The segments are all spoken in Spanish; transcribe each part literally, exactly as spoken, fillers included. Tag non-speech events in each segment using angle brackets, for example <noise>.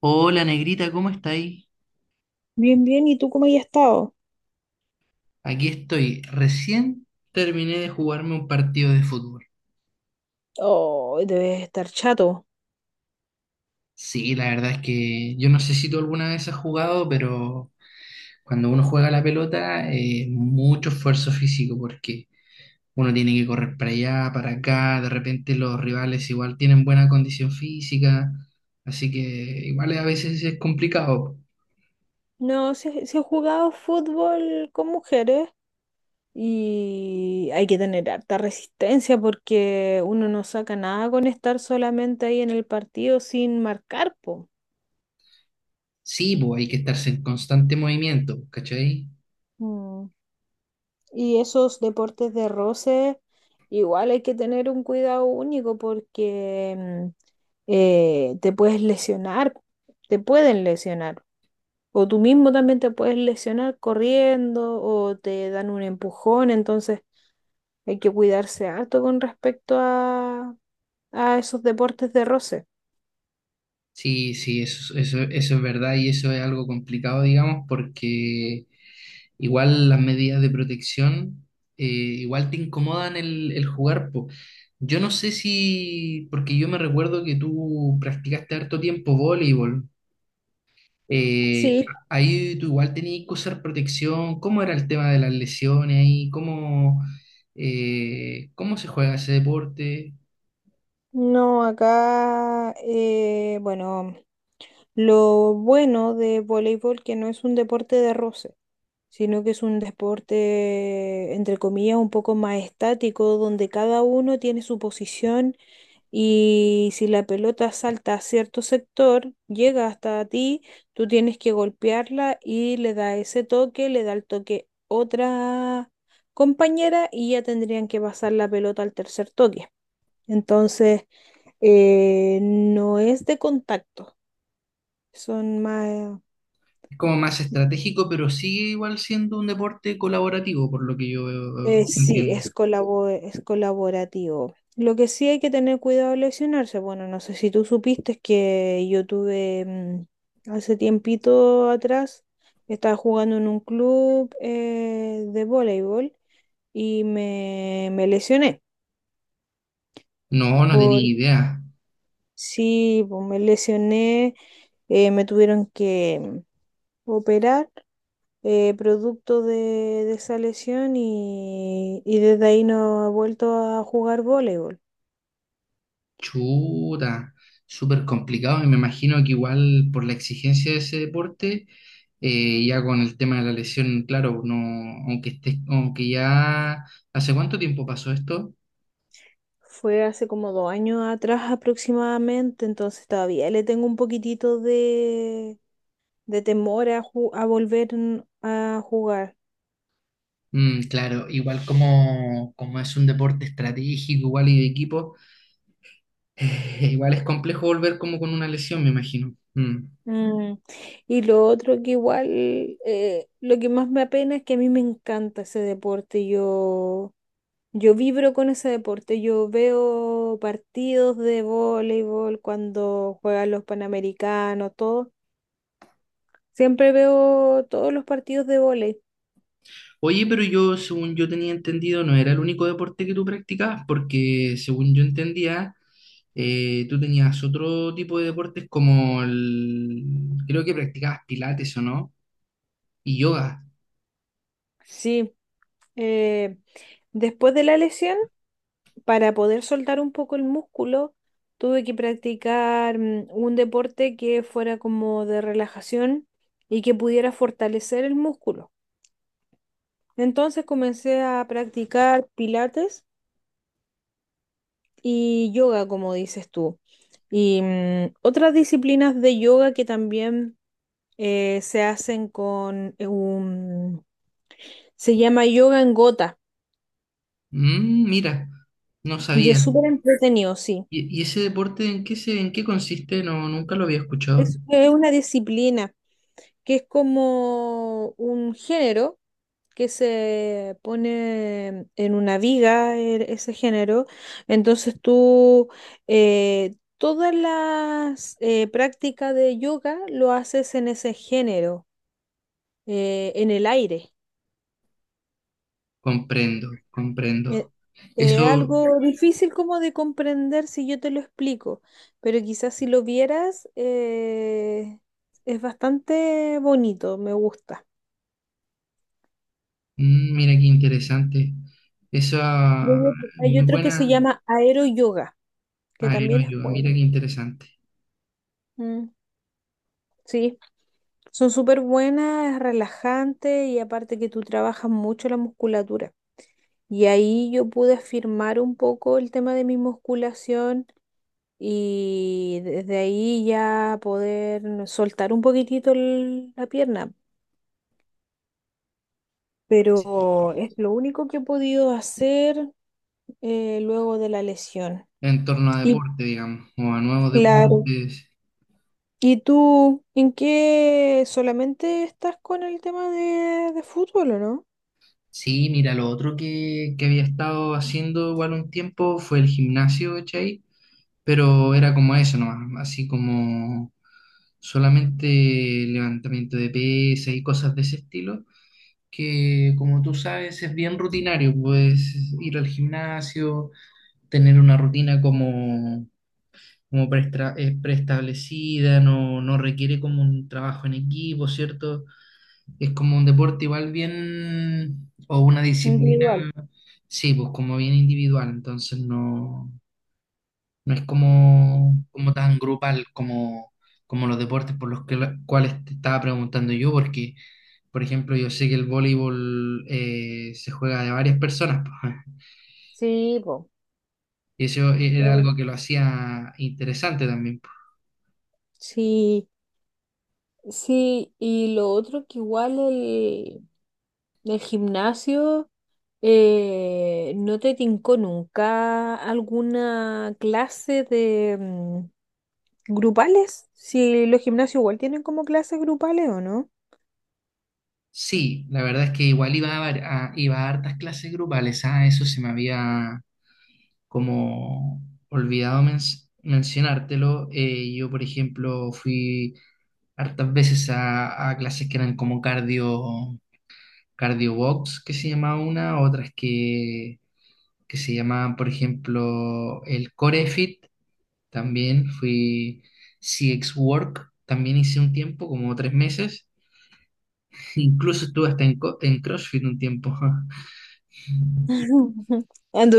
Hola negrita, ¿cómo estáis? Bien, bien, ¿y tú cómo has estado? Aquí estoy. Recién terminé de jugarme un partido de fútbol. Oh, debes estar chato. Sí, la verdad es que yo no sé si tú alguna vez has jugado, pero cuando uno juega la pelota, eh, mucho esfuerzo físico porque uno tiene que correr para allá, para acá. De repente los rivales igual tienen buena condición física, así que igual a veces es complicado. No, si, si he jugado fútbol con mujeres y hay que tener harta resistencia porque uno no saca nada con estar solamente ahí en el partido sin marcar, po. Sí, pues hay que estarse en constante movimiento, ¿cachai? Mm. Y esos deportes de roce, igual hay que tener un cuidado único porque mm, eh, te puedes lesionar, te pueden lesionar. O tú mismo también te puedes lesionar corriendo o te dan un empujón, entonces hay que cuidarse harto con respecto a, a esos deportes de roce. Sí, sí, eso, eso, eso es verdad y eso es algo complicado, digamos, porque igual las medidas de protección eh, igual te incomodan el, el jugar, po. Yo no sé si, porque yo me recuerdo que tú practicaste harto tiempo voleibol, eh, Sí, ahí tú igual tenías que usar protección. ¿Cómo era el tema de las lesiones ahí? ¿Cómo, eh, cómo se juega ese deporte? no, acá, eh, bueno, lo bueno de voleibol que no es un deporte de roce, sino que es un deporte, entre comillas, un poco más estático, donde cada uno tiene su posición y si la pelota salta a cierto sector, llega hasta ti, tú tienes que golpearla y le da ese toque, le da el toque otra compañera y ya tendrían que pasar la pelota al tercer toque. Entonces, eh, no es de contacto, son más... Es como más estratégico, pero sigue igual siendo un deporte colaborativo, por lo que yo eh, Eh, sí, entiendo. es colabo- es colaborativo. Lo que sí hay que tener cuidado al lesionarse. Bueno, no sé si tú supiste que yo tuve mm, hace tiempito atrás, estaba jugando en un club eh, de voleibol y me, me lesioné. No, no tenía Por, idea. sí, pues me lesioné, eh, me tuvieron que mm, operar eh, producto de, de esa lesión y, y desde ahí no he vuelto a jugar voleibol. Chuta, súper complicado. Y me imagino que igual por la exigencia de ese deporte, eh, ya con el tema de la lesión, claro, no, aunque estés, aunque ya. ¿Hace cuánto tiempo pasó esto? Fue hace como dos años atrás aproximadamente, entonces todavía le tengo un poquitito de, de temor a, ju- a volver en- a jugar. Mm, claro, igual como, como es un deporte estratégico, igual y de equipo, <laughs> eh, igual es complejo volver como con una lesión, me imagino. Mm. Mm, y lo otro que igual, eh, lo que más me apena es que a mí me encanta ese deporte. Yo, yo vibro con ese deporte. Yo veo partidos de voleibol cuando juegan los Panamericanos, todo. Siempre veo todos los partidos de voleibol. Oye, pero yo, según yo tenía entendido, no era el único deporte que tú practicabas, porque según yo entendía, eh, tú tenías otro tipo de deportes como el... Creo que practicabas pilates o no, y yoga. Sí. Eh, después de la lesión, para poder soltar un poco el músculo, tuve que practicar mm, un deporte que fuera como de relajación y que pudiera fortalecer el músculo. Entonces comencé a practicar pilates y yoga, como dices tú. Y mm, otras disciplinas de yoga que también eh, se hacen con eh, un... Se llama yoga en gota Mm, mira, no y sabía. es súper entretenido, sí. ¿Y, y ese deporte en qué se, en qué consiste? No, nunca lo había escuchado. Es, es una disciplina que es como un género que se pone en una viga e- ese género. Entonces tú eh, todas las eh, prácticas de yoga lo haces en ese género, eh, en el aire. Comprendo, comprendo. Eh, eh, Eso, algo difícil como de comprender si yo te lo explico, pero quizás si lo vieras eh, es bastante bonito, me gusta. mm, mira qué interesante. Esa Luego hay muy otro que se buena llama aero yoga que también es aeroyoga, mira bueno. qué interesante. Mm, sí, son súper buenas, es relajante y aparte que tú trabajas mucho la musculatura. Y ahí yo pude afirmar un poco el tema de mi musculación y desde ahí ya poder soltar un poquitito el- la pierna. Pero es lo único que he podido hacer eh, luego de la lesión. En torno a Y deporte, digamos, o a nuevos claro. deportes. ¿Y tú en qué solamente estás con el tema de, de fútbol o no? Sí, mira, lo otro que, que había estado haciendo igual un tiempo fue el gimnasio, ¿cachai? Pero era como eso nomás, así como solamente levantamiento de pesas y cosas de ese estilo, que como tú sabes es bien rutinario. Puedes ir al gimnasio, tener una rutina como, como preestra- eh, preestablecida. No, no requiere como un trabajo en equipo, ¿cierto? Es como un deporte igual bien, o una disciplina, Individual. sí, pues como bien individual. Entonces no, no es como, como tan grupal como, como los deportes por los que, cuales te estaba preguntando yo, porque, por ejemplo, yo sé que el voleibol eh, se juega de varias personas, pues, Sí, po. <laughs> y eso e, Qué era bu- algo que lo hacía interesante también, pues. Sí, sí, y lo otro que igual el, el gimnasio, eh, ¿no te tincó nunca alguna clase de mm, grupales? Si los gimnasios igual tienen como clases grupales o no. Sí, la verdad es que igual iba a, var- a- iba a hartas clases grupales. Ah, eso se me había como olvidado men- mencionártelo. Eh, yo, por ejemplo, fui hartas veces a, a clases que eran como cardio, cardio box, que se llamaba una, otras que, que se llamaban, por ejemplo, el Core Fit, también fui C X Work, también hice un tiempo, como tres meses, <laughs> incluso estuve hasta en, co- en CrossFit un tiempo. <laughs> <laughs>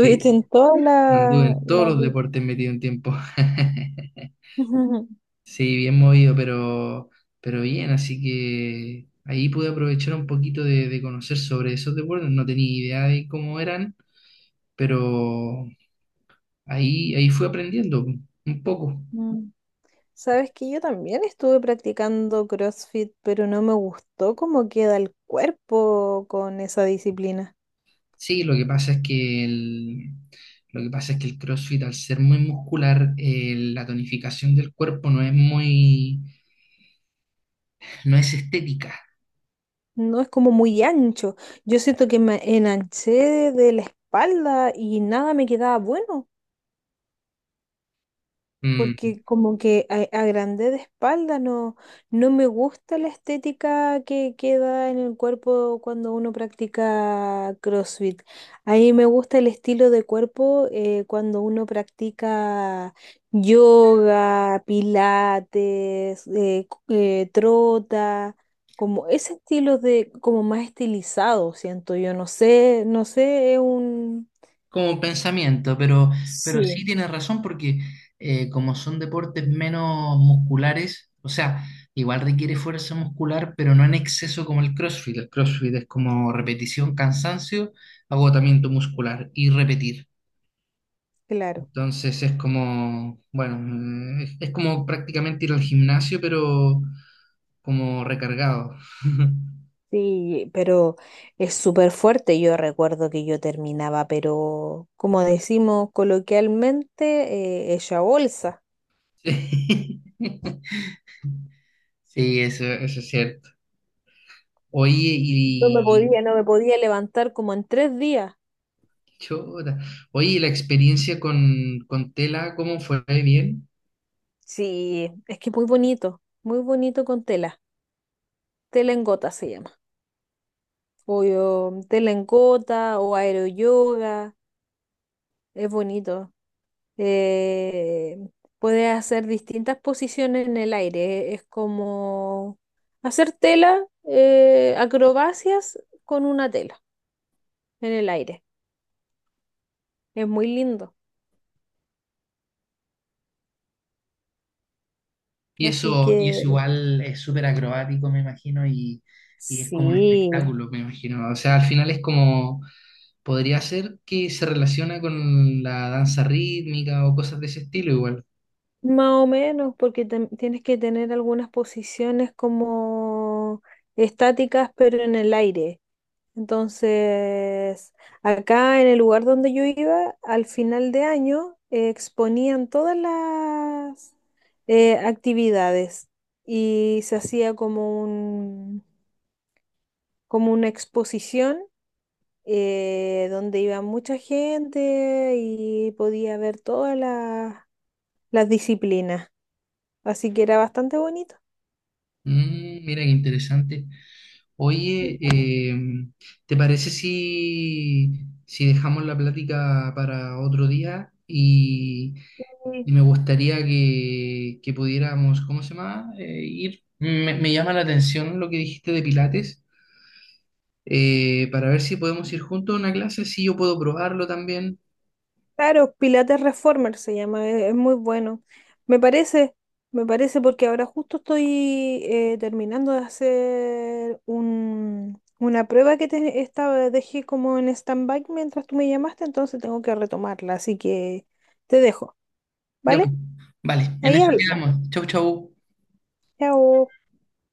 Sí, en todas anduve en todos las... los deportes metido un tiempo. <laughs> Sí, bien movido, pero, pero bien, así que ahí pude aprovechar un poquito de, de conocer sobre esos deportes. No tenía idea de cómo eran, pero ahí, ahí fui aprendiendo un poco. las- <laughs> Sabes que yo también estuve practicando CrossFit, pero no me gustó cómo queda el cuerpo con esa disciplina. Sí, lo que pasa es que el, lo que pasa es que el CrossFit, al ser muy muscular, eh, la tonificación del cuerpo no es muy, no es estética. No es como muy ancho. Yo siento que me enanché de la espalda y nada me quedaba bueno, Mm. porque como que a, a grande de espalda no, no me gusta la estética que queda en el cuerpo cuando uno practica CrossFit. A mí me gusta el estilo de cuerpo eh, cuando uno practica yoga, pilates, eh, c- eh, trota. Como ese estilo de, como más estilizado, siento yo, no sé, no sé, es un... Como pensamiento, pero, pero sí Sí. tienes razón porque eh, como son deportes menos musculares, o sea, igual requiere fuerza muscular, pero no en exceso como el CrossFit. El CrossFit es como repetición, cansancio, agotamiento muscular y repetir. Claro. Entonces es como, bueno, eh, es, es como prácticamente ir al gimnasio, pero como recargado. <laughs> Sí, pero es súper fuerte. Yo recuerdo que yo terminaba, pero como decimos coloquialmente, eh, hecha bolsa. Sí, <laughs> sí, eso, eso es cierto. Oye, No me y podía, no me podía levantar como en tres días. Chuta. Oye, ¿y la experiencia con, con tela, ¿cómo fue? ¿Bien? Sí, es que muy bonito, muy bonito con tela. Tela en gota se llama. O yo- tela en gota o aeroyoga. Es bonito. eh, puedes hacer distintas posiciones en el aire. Es como hacer tela, eh, acrobacias con una tela en el aire. Es muy lindo. Y Así eso, y que eso igual es súper acrobático, me imagino, y, y es como un sí, espectáculo, me imagino. O sea, al final es como, podría ser que se relaciona con la danza rítmica o cosas de ese estilo igual. más o menos, porque tam- tienes que tener algunas posiciones como estáticas, pero en el aire. Entonces, acá en el lugar donde yo iba, al final de año eh, exponían todas las eh, actividades y se hacía como un, como una exposición eh, donde iba mucha gente y podía ver todas las, las disciplinas. Así que era bastante bonito. Mm, mira qué interesante. Oye, em, ¿te parece si, si dejamos la plática para otro día? Y Sí. me gustaría que, que pudiéramos, ¿cómo se llama? Eh, ir. Me, me llama la atención lo que dijiste de Pilates, eh, para ver si podemos ir juntos a una clase, si yo puedo probarlo también. Claro, Pilates Reformer se llama, e- es muy bueno. Me parece, me parece porque ahora justo estoy eh, terminando de hacer un, una prueba que te estaba, dejé como en stand-by mientras tú me llamaste, entonces tengo que retomarla, así que te dejo, Ya, pues, ¿vale? vale, en Ahí eso hablamos. quedamos. Chau, chau. Chao.